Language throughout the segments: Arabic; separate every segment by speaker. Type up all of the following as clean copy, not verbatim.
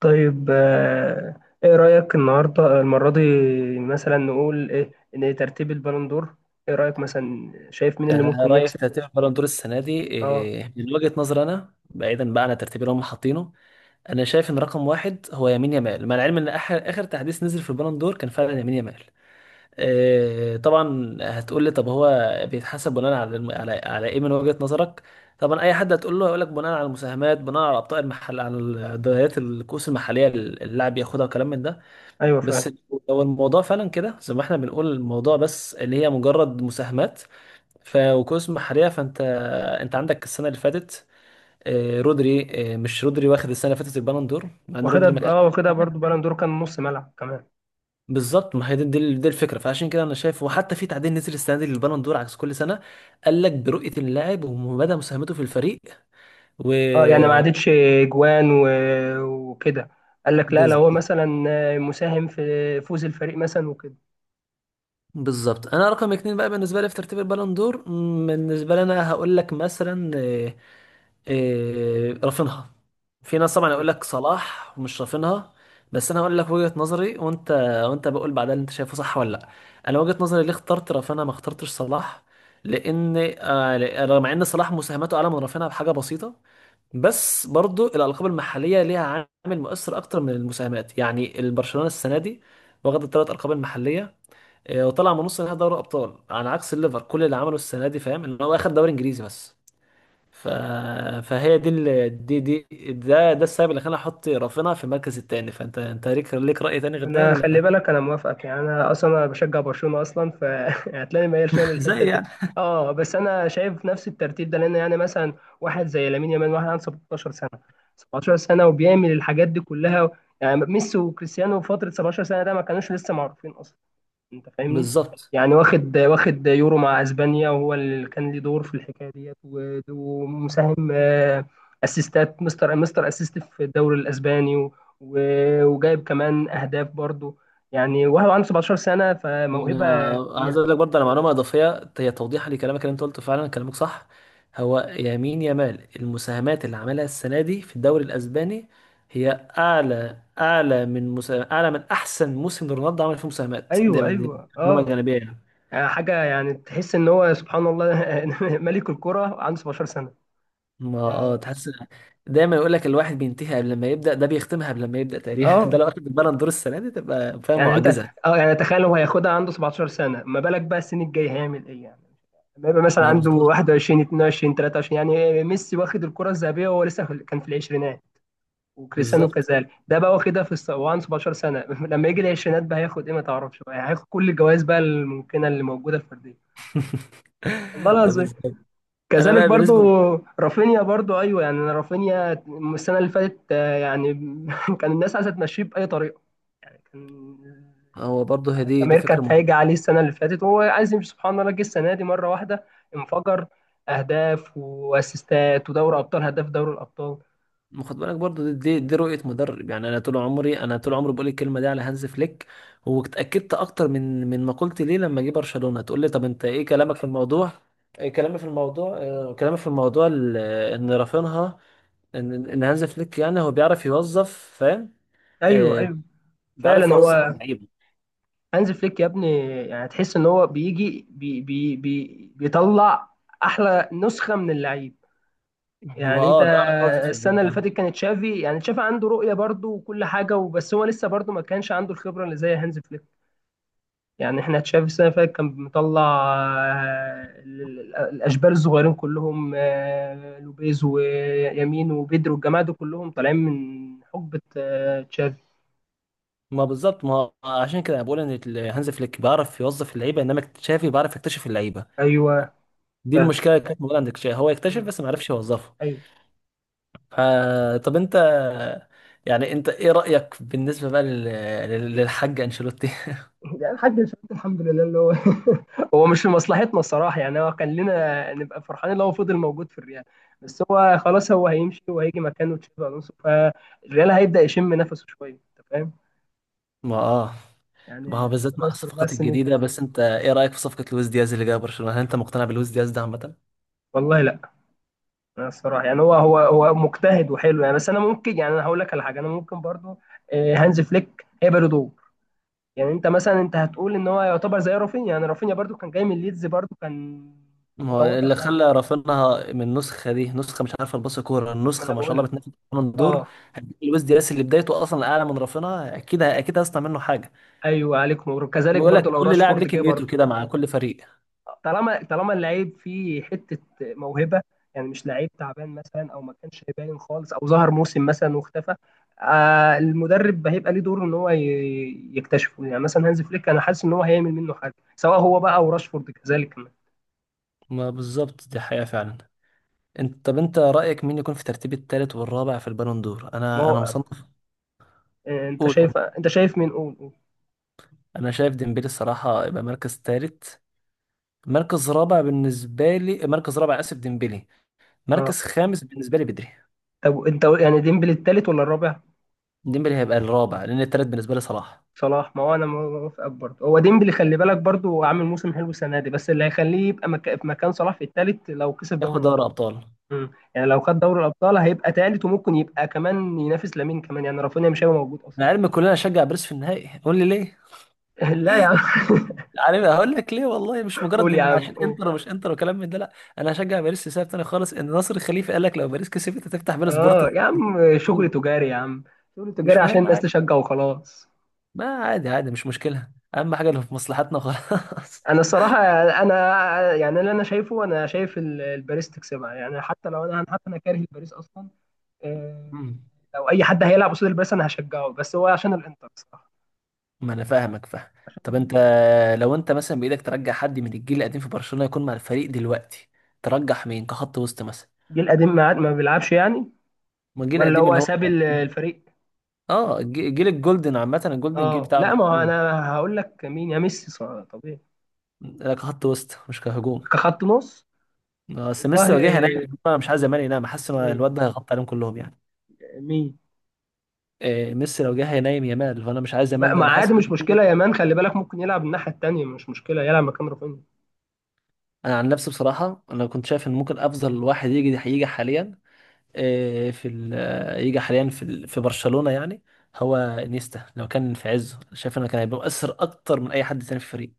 Speaker 1: طيب، ايه رأيك النهارده المرة دي؟ مثلا نقول ايه؟ ان ترتيب البالون دور، ايه رأيك مثلا؟ شايف مين اللي
Speaker 2: انا
Speaker 1: ممكن
Speaker 2: رايي في
Speaker 1: يكسب؟
Speaker 2: ترتيب البالون دور السنه دي
Speaker 1: اه،
Speaker 2: من وجهه نظري انا بعيدا بقى عن الترتيب اللي هم حاطينه. انا شايف ان رقم واحد هو يمين يامال، مع العلم ان اخر اخر تحديث نزل في البالون دور كان فعلا يمين يامال. طبعا هتقول لي طب هو بيتحسب بناء على على ايه من وجهه نظرك. طبعا اي حد هتقول له هيقول لك بناء على المساهمات، بناء على ابطال المحل على الدوريات الكؤوس المحليه اللي اللاعب ياخدها وكلام من ده.
Speaker 1: ايوه فعلا.
Speaker 2: بس لو الموضوع فعلا كده زي ما احنا بنقول الموضوع بس اللي هي مجرد مساهمات ف وكؤوس محرية فانت انت عندك السنة اللي فاتت رودري. مش رودري واخد السنة اللي فاتت البالون دور مع ان
Speaker 1: واخدها
Speaker 2: رودري ما كانش
Speaker 1: اه واخدها برضو، بالون دور كان نص ملعب كمان.
Speaker 2: بالظبط. ما هي دي الفكرة، فعشان كده انا شايف، وحتى في تعديل نزل السنة دي للبالون دور عكس كل سنة، قال لك برؤية اللاعب ومدى مساهمته في الفريق و
Speaker 1: اه يعني ما عادتش جوان وكده. قال لك لا، لو هو
Speaker 2: بالظبط.
Speaker 1: مثلا مساهم في فوز الفريق مثلا وكده.
Speaker 2: بالظبط، انا رقم اتنين بقى بالنسبة لي في ترتيب البالون دور، بالنسبة لي انا هقول لك مثلا آه، إيه رافينها. في ناس طبعا يقول لك صلاح مش رافينها، بس انا هقول لك وجهة نظري وانت، وانت بقول بعدها اللي انت شايفه صح ولا لا. انا وجهة نظري ليه اخترت رافينها ما اخترتش صلاح، لان رغم ان صلاح مساهماته اعلى من رافينها بحاجة بسيطة، بس برضو الألقاب المحلية ليها عامل مؤثر أكتر من المساهمات. يعني البرشلونة السنة دي واخد الثلاث ألقاب المحلية، وطلع من نص نهائي دوري أبطال، على عكس الليفر كل اللي عمله السنة دي، فاهم، إن هو أخد دوري إنجليزي بس. ف... فهي دي ال... دي دي ده ده السبب اللي خلاني احط رافينا في المركز الثاني. فانت انت ليك راي تاني غير ده
Speaker 1: انا خلي
Speaker 2: ولا؟
Speaker 1: بالك انا موافقك، يعني انا اصلا انا بشجع برشلونه اصلا، فهتلاقيني ميال شويه
Speaker 2: زي
Speaker 1: للحته دي.
Speaker 2: يعني
Speaker 1: اه بس انا شايف نفس الترتيب ده، لان يعني مثلا واحد زي لامين يامال، واحد عنده 17 سنه. 17 سنه وبيعمل الحاجات دي كلها. يعني ميسي وكريستيانو في فتره 17 سنه ده ما كانوش لسه معروفين اصلا، انت فاهمني.
Speaker 2: بالظبط.
Speaker 1: يعني واخد يورو مع اسبانيا، وهو اللي كان ليه دور في الحكايه ديت، ومساهم، اسيستات، مستر اسيست في الدوري الاسباني، وجايب كمان اهداف برضو. يعني وهو عنده 17 سنه، فموهبه
Speaker 2: انا عايز
Speaker 1: كبيره.
Speaker 2: اقول لك برضه على معلومه اضافيه، هي توضيحا لكلامك، اللي انت قلته فعلا كلامك صح. هو يمين يامال المساهمات اللي عملها السنه دي في الدوري الاسباني هي اعلى من احسن موسم لرونالدو عمل فيه مساهمات دي
Speaker 1: ايوه
Speaker 2: دي
Speaker 1: ايوه
Speaker 2: معلومه
Speaker 1: اه.
Speaker 2: جانبيه يعني.
Speaker 1: يعني حاجه، يعني تحس ان هو سبحان الله ملك الكره عنده 17 سنه
Speaker 2: ما اه
Speaker 1: يعني.
Speaker 2: تحس، دايما يقول لك الواحد بينتهي قبل ما يبدأ، ده بيختمها قبل ما يبدأ تقريبا. ده
Speaker 1: اه
Speaker 2: لو اخد البالون دور السنة دي تبقى فاهم
Speaker 1: يعني انت،
Speaker 2: معجزة.
Speaker 1: اه يعني تخيل هو هياخدها عنده 17 سنه، ما بالك بقى السنين الجايه هيعمل ايه يعني؟ لما يبقى مثلا
Speaker 2: ما هو
Speaker 1: عنده
Speaker 2: بالظبط.
Speaker 1: 21 22 23. يعني ميسي واخد الكرة الذهبية وهو لسه كان في العشرينات، وكريستيانو
Speaker 2: بالظبط.
Speaker 1: كذلك. ده بقى واخدها وعنده 17 سنة، لما يجي العشرينات بقى هياخد ايه؟ ما تعرفش بقى، هياخد كل الجوائز بقى الممكنة اللي موجودة الفردية. والله
Speaker 2: ده
Speaker 1: العظيم
Speaker 2: بالظبط. انا
Speaker 1: كذلك
Speaker 2: بقى
Speaker 1: برضو.
Speaker 2: بالنسبة لي-
Speaker 1: رافينيا برضو، ايوه يعني، أنا رافينيا السنة اللي فاتت يعني كان الناس عايزة تمشيه بأي طريقة، كان
Speaker 2: هو برضه هي دي دي
Speaker 1: امير
Speaker 2: فكرة
Speaker 1: كانت هايجة
Speaker 2: مد-
Speaker 1: عليه السنه اللي فاتت، وهو عايز يمشي. سبحان الله جه السنه دي مره واحده انفجر. اهداف واسيستات ودوري ابطال، هداف دوري الابطال.
Speaker 2: ما خد بالك برضه دي رؤية مدرب. يعني انا طول عمري، انا طول عمري بقول الكلمة دي على هانز فليك، واتأكدت اكتر من ما قلت ليه لما جه برشلونة. تقول لي طب انت ايه كلامك في الموضوع؟ كلامي في الموضوع كلامي في الموضوع ال- ان رافينها ان ان هانز فليك، يعني هو بيعرف يوظف، فاهم.
Speaker 1: ايوه
Speaker 2: آه.
Speaker 1: ايوه،
Speaker 2: بيعرف
Speaker 1: فعلا
Speaker 2: يوظف
Speaker 1: هو.
Speaker 2: اللعيبه.
Speaker 1: هانز فليك يا ابني، يعني تحس ان هو بيجي بي بي بي بيطلع احلى نسخه من اللعيب.
Speaker 2: ما
Speaker 1: يعني انت
Speaker 2: اه بيعرف يوظف اللعيبه،
Speaker 1: السنه اللي
Speaker 2: فاهم.
Speaker 1: فاتت كانت تشافي، يعني تشافي عنده رؤيه برضه وكل حاجه، وبس هو لسه برضه ما كانش عنده الخبره اللي زي هانز فليك. يعني احنا تشافي السنه اللي فاتت كان مطلع الاشبال الصغيرين كلهم، لوبيز ويمين وبيدرو والجماعه دول كلهم طالعين من حقبه تشافي.
Speaker 2: ما بالظبط. ما هو عشان كده أنا بقول ان هانز فليك بيعرف يوظف اللعيبه، انما تشافي بيعرف يكتشف اللعيبه.
Speaker 1: ايوه
Speaker 2: دي
Speaker 1: فعلا.
Speaker 2: المشكله اللي كانت موجوده عند تشافي، هو يكتشف
Speaker 1: مم.
Speaker 2: بس ما عرفش يوظفه.
Speaker 1: ايوه.
Speaker 2: ف طب انت، يعني انت ايه رايك بالنسبه بقى للحاج انشيلوتي؟
Speaker 1: يعني الحاج، الفلوس الحمد لله، اللي هو هو مش في مصلحتنا الصراحه. يعني هو كان لنا نبقى فرحانين لو هو فضل موجود في الريال، بس هو خلاص هو هيمشي، وهيجي مكانه تشافي الونسو، فالريال هيبدا يشم نفسه شويه، انت فاهم.
Speaker 2: ما اه. ما
Speaker 1: يعني
Speaker 2: هو بالذات
Speaker 1: ربنا
Speaker 2: مع
Speaker 1: يستر بقى
Speaker 2: الصفقات
Speaker 1: السنه
Speaker 2: الجديده،
Speaker 1: الجايه.
Speaker 2: بس انت ايه رايك في صفقه لويس دياز اللي جاي برشلونه؟ هل انت مقتنع بلويس دياز ده عامه؟
Speaker 1: والله لا. أنا الصراحه يعني، هو مجتهد وحلو يعني، بس انا ممكن، يعني انا هقول لك على حاجه. انا ممكن برضو، هانز فليك هيبقى له دور. يعني انت مثلا انت هتقول ان هو يعتبر زي رافينيا، يعني رافينيا برضو كان جاي من ليدز، برضو كان
Speaker 2: ما هو
Speaker 1: متواضع
Speaker 2: اللي خلى
Speaker 1: خالص.
Speaker 2: رافينها من النسخه دي، نسخه مش عارفه الباص كوره،
Speaker 1: ما
Speaker 2: النسخه
Speaker 1: انا
Speaker 2: ما شاء
Speaker 1: بقول
Speaker 2: الله
Speaker 1: لك.
Speaker 2: بتنافس بالون دور.
Speaker 1: اه،
Speaker 2: هديك لويس دياس اللي بدايته اصلا اعلى من رافينها، اكيد اكيد هيصنع منه حاجه.
Speaker 1: ايوه عليك نور، كذلك
Speaker 2: بقول
Speaker 1: برضو
Speaker 2: لك
Speaker 1: لو
Speaker 2: كل لاعب ليه
Speaker 1: راشفورد جه
Speaker 2: كميته
Speaker 1: برضو.
Speaker 2: كده مع كل فريق.
Speaker 1: طالما اللعيب فيه حته موهبه، يعني مش لعيب تعبان مثلا، او ما كانش باين خالص، او ظهر موسم مثلا واختفى، آه المدرب هيبقى ليه دور ان هو يكتشفه. يعني مثلا هانز فليك، انا حاسس ان هو هيعمل منه حاجه، سواء هو بقى او راشفورد كذلك كمان.
Speaker 2: ما بالظبط، دي حقيقه فعلا. انت طب انت رايك مين يكون في ترتيب الثالث والرابع في البالون دور؟
Speaker 1: ما
Speaker 2: انا
Speaker 1: هو،
Speaker 2: مصنف.
Speaker 1: انت
Speaker 2: قول، قول.
Speaker 1: شايف، مين؟ قول قول.
Speaker 2: انا شايف ديمبلي الصراحه يبقى مركز ثالث. مركز رابع بالنسبه لي، مركز رابع اسف ديمبلي.
Speaker 1: اه.
Speaker 2: مركز خامس بالنسبه لي بدري.
Speaker 1: طب انت يعني ديمبلي التالت ولا الرابع؟
Speaker 2: ديمبلي هيبقى الرابع، لان الثالث بالنسبه لي صلاح.
Speaker 1: صلاح؟ ما هو انا موافقك برضه. هو ديمبلي خلي بالك برضه عامل موسم حلو السنه دي، بس اللي هيخليه يبقى في مكان صلاح في التالت لو كسب دوري
Speaker 2: ياخد دوري
Speaker 1: الابطال.
Speaker 2: ابطال.
Speaker 1: مم. يعني لو خد دوري الابطال هيبقى تالت، وممكن يبقى كمان ينافس لامين كمان، يعني رافينيا مش هيبقى موجود اصلا.
Speaker 2: انا علمي كلنا نشجع باريس في النهائي، قول لي ليه؟
Speaker 1: لا يا عم
Speaker 2: عارف هقول لك ليه؟ والله مش مجرد
Speaker 1: قول يا
Speaker 2: ان
Speaker 1: عم،
Speaker 2: عشان
Speaker 1: قول.
Speaker 2: انتر ومش انتر وكلام من ده، لا. انا هشجع باريس لسبب تاني خالص، ان ناصر الخليفي قال لك لو باريس كسبت هتفتح بين
Speaker 1: اه
Speaker 2: سبورت.
Speaker 1: يا عم، شغل تجاري يا عم، شغل تجاري
Speaker 2: مش
Speaker 1: عشان
Speaker 2: مهم
Speaker 1: الناس
Speaker 2: عادي.
Speaker 1: تشجع وخلاص.
Speaker 2: ما عادي عادي، مش مشكله. اهم حاجه اللي في مصلحتنا خلاص.
Speaker 1: انا الصراحه، انا يعني اللي انا شايفه، انا شايف الباريس تكسبها، يعني حتى لو انا، حتى انا كاره الباريس اصلا، آه،
Speaker 2: مم.
Speaker 1: لو اي حد هيلعب قصاد الباريس انا هشجعه، بس هو عشان الانتر الصراحه.
Speaker 2: ما انا فاهمك، فاهم. طب انت، لو انت مثلا بايدك ترجع حد من الجيل القديم في برشلونه يكون مع الفريق دلوقتي، ترجح مين كخط وسط مثلا؟
Speaker 1: جيل قديم ما بيلعبش يعني؟
Speaker 2: من الجيل
Speaker 1: ولا
Speaker 2: القديم اللي
Speaker 1: هو
Speaker 2: هو،
Speaker 1: ساب الفريق؟
Speaker 2: جيل الجولدن، عامة الجولدن جيل
Speaker 1: اه
Speaker 2: بتاع
Speaker 1: لا، ما هو
Speaker 2: برشلونة.
Speaker 1: انا هقول لك مين، يا ميسي طبيعي.
Speaker 2: لا كخط وسط مش كهجوم.
Speaker 1: كخط نص.
Speaker 2: بس ميسي
Speaker 1: والله.
Speaker 2: لو جه هينام. انا مش عايز يامال ينام، حاسس ان
Speaker 1: مم.
Speaker 2: الواد ده هيغطي عليهم كلهم يعني.
Speaker 1: مين؟
Speaker 2: ميسي لو جه هينام يامال، فانا مش عايز
Speaker 1: ما
Speaker 2: يامال ده،
Speaker 1: ما
Speaker 2: انا حاسس
Speaker 1: عادي، مش مشكله يامان، خلي بالك ممكن يلعب الناحيه التانيه، مش مشكله يلعب مكان رافينيا.
Speaker 2: انا عن نفسي بصراحة انا كنت شايف ان ممكن افضل واحد يجي هيجي حاليا، إيه في ال- آه، يجي حاليا في في برشلونة يعني، هو انيستا لو كان في عزه. شايف انه كان هيبقى مؤثر اكتر من اي حد تاني في الفريق.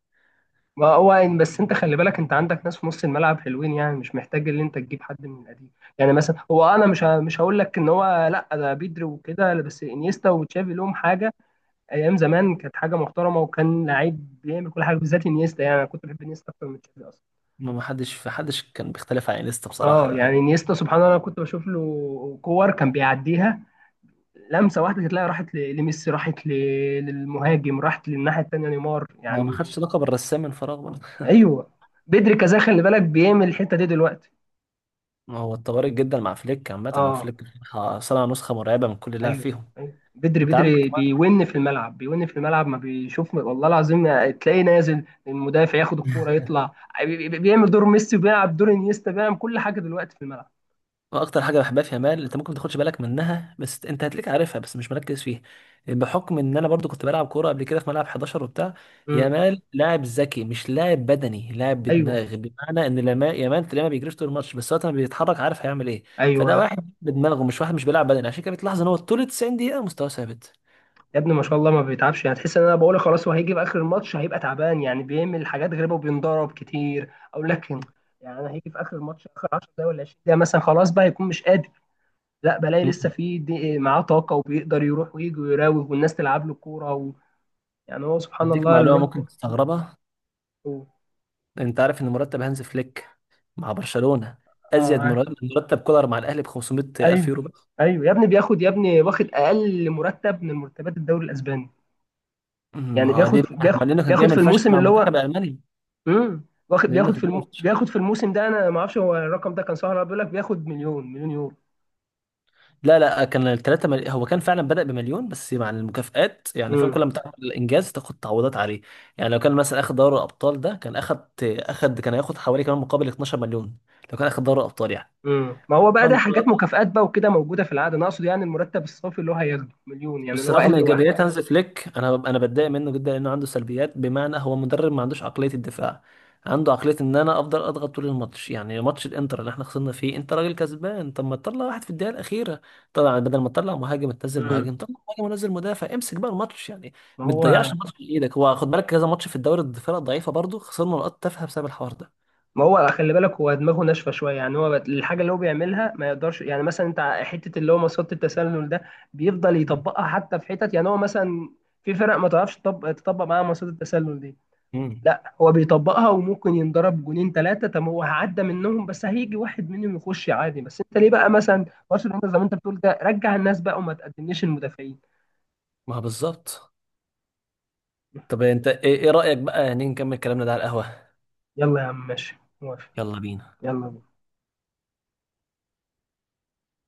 Speaker 1: ما هو بس انت خلي بالك، انت عندك ناس في نص الملعب حلوين، يعني مش محتاج ان انت تجيب حد من القديم. يعني مثلا هو، انا مش هقول لك ان هو، لا ده بيدري وكده، لا، بس انيستا وتشافي لهم حاجه. ايام زمان كانت حاجه محترمه، وكان لعيب بيعمل كل حاجه بالذات انيستا، يعني انا كنت بحب انيستا اكتر من تشافي اصلا.
Speaker 2: ما حدش في حدش كان بيختلف عن انيستا بصراحة
Speaker 1: اه يعني
Speaker 2: يعني.
Speaker 1: انيستا سبحان الله، انا كنت بشوف له كور كان بيعديها لمسه واحده، تلاقي راحت لميسي، راحت للمهاجم، راحت للناحيه التانيه نيمار
Speaker 2: ما ما
Speaker 1: يعني.
Speaker 2: خدش لقب الرسام من فراغ برضه.
Speaker 1: ايوه بدري كذا خلي بالك بيعمل الحته دي دلوقتي.
Speaker 2: ما هو اتطورت جدا مع فليك. عامة هو
Speaker 1: اه.
Speaker 2: فليك صنع نسخة مرعبة من كل لاعب
Speaker 1: ايوه
Speaker 2: فيهم.
Speaker 1: ايوه، بدري
Speaker 2: انت عندك
Speaker 1: بدري
Speaker 2: كمان.
Speaker 1: بيون في الملعب، بيون في الملعب ما بيشوف، والله العظيم. تلاقيه نازل المدافع ياخد الكوره يطلع. بيعمل دور ميسي، وبيلعب دور انيستا، بيعمل كل حاجه دلوقتي في الملعب.
Speaker 2: اكتر حاجة بحبها في يامال، انت ممكن ما تاخدش بالك منها بس انت هتلاقيك عارفها بس مش مركز فيها. بحكم ان انا برضو كنت بلعب كورة قبل كده في ملعب 11 وبتاع.
Speaker 1: امم.
Speaker 2: يامال لاعب ذكي مش لاعب بدني، لاعب
Speaker 1: ايوه
Speaker 2: بدماغ. بمعنى ان لما يامال تلاقيه ما بيجريش طول الماتش، بس وقت ما بيتحرك عارف هيعمل ايه. فده
Speaker 1: ايوه
Speaker 2: واحد بدماغه، مش واحد مش بيلعب بدني. عشان كده بتلاحظ ان هو طول 90 دقيقة مستواه ثابت.
Speaker 1: يا ابني، ما شاء الله ما بيتعبش. يعني تحس ان انا بقول خلاص هو هيجي في اخر الماتش هيبقى تعبان، يعني بيعمل حاجات غريبه وبينضرب كتير او لكن، يعني انا هيجي في اخر الماتش اخر 10 دقايق ولا 20 دقيقه مثلا، خلاص بقى هيكون مش قادر. لا، بلاقي
Speaker 2: مم.
Speaker 1: لسه في دي معاه طاقه، وبيقدر يروح ويجي ويراوغ، والناس تلعب له كوره يعني هو سبحان
Speaker 2: اديك
Speaker 1: الله
Speaker 2: معلومه
Speaker 1: الواد ده.
Speaker 2: ممكن تستغربها.
Speaker 1: هو-
Speaker 2: انت عارف ان مرتب هانز فليك مع برشلونة
Speaker 1: اه،
Speaker 2: ازيد
Speaker 1: عارف.
Speaker 2: مرتب كولر مع الاهلي ب 500 الف
Speaker 1: ايوه،
Speaker 2: يورو بس.
Speaker 1: ايوه يا ابني بياخد، يا ابني واخد اقل مرتب من مرتبات الدوري الاسباني.
Speaker 2: ما
Speaker 1: يعني
Speaker 2: هو
Speaker 1: بياخد
Speaker 2: ليه بقى؟ ما
Speaker 1: بياخد
Speaker 2: لانه كان
Speaker 1: بياخد في
Speaker 2: جاي فشخ
Speaker 1: الموسم
Speaker 2: مع
Speaker 1: اللي
Speaker 2: المنتخب
Speaker 1: هو،
Speaker 2: الالماني.
Speaker 1: واخد
Speaker 2: لانه
Speaker 1: بياخد
Speaker 2: كان جاي فشخ.
Speaker 1: بياخد في الموسم ده، انا ما اعرفش هو الرقم ده كان صح ولا لا، بيقول لك بياخد مليون مليون يورو.
Speaker 2: لا لا، كان الثلاثه هو كان فعلا بدأ بمليون، بس مع المكافآت، يعني فاهم،
Speaker 1: امم.
Speaker 2: كل ما تعمل الانجاز تاخد تعويضات عليه. يعني لو كان مثلا اخد دوري الابطال ده، كان اخد اخد كان هياخد حوالي كمان مقابل 12 مليون، لو كان اخد دوري الابطال يعني.
Speaker 1: ما هو بقى ده
Speaker 2: طبعا.
Speaker 1: حاجات مكافآت بقى وكده، موجوده في العاده. انا اقصد يعني المرتب الصافي اللي هو هياخده مليون، يعني
Speaker 2: بس
Speaker 1: اللي هو
Speaker 2: رغم
Speaker 1: اقل واحد.
Speaker 2: ايجابيات هانز فليك، انا انا بتضايق منه جدا لانه عنده سلبيات، بمعنى هو مدرب ما عندوش عقليه الدفاع. عنده عقليه ان انا افضل اضغط طول الماتش. يعني ماتش الانتر اللي احنا خسرنا فيه، انت راجل كسبان، طب ما تطلع واحد في الدقيقه الاخيره. طبعا بدل ما تطلع مهاجم تنزل
Speaker 1: امم
Speaker 2: مهاجم، طلع مهاجم ونزل مدافع، امسك بقى الماتش يعني.
Speaker 1: ما
Speaker 2: ما
Speaker 1: هو
Speaker 2: تضيعش الماتش في ايدك. هو خد بالك كذا ماتش في الدوري الفرق ضعيفه برضه، خسرنا نقاط تافهه بسبب الحوار ده.
Speaker 1: ما هو خلي بالك هو دماغه ناشفه شويه، يعني هو الحاجه اللي هو بيعملها ما يقدرش، يعني مثلا انت حته اللي هو مصيده التسلل ده، بيفضل يطبقها حتى في حتت، يعني هو مثلا في فرق ما تعرفش تطبق معاها مصيده التسلل دي.
Speaker 2: امم
Speaker 1: لا، هو بيطبقها، وممكن ينضرب جونين ثلاثه، طب هو هعدى منهم، بس هيجي واحد منهم يخش عادي. بس انت ليه بقى مثلا برشلونه زي ما انت بتقول ده، رجع الناس بقى وما تقدمليش المدافعين.
Speaker 2: ما هو بالظبط. طب انت ايه رايك بقى، يعني نكمل كلامنا ده على القهوه؟
Speaker 1: يلا يا عم، ماشي موافق.
Speaker 2: يلا بينا.
Speaker 1: يلا بينا.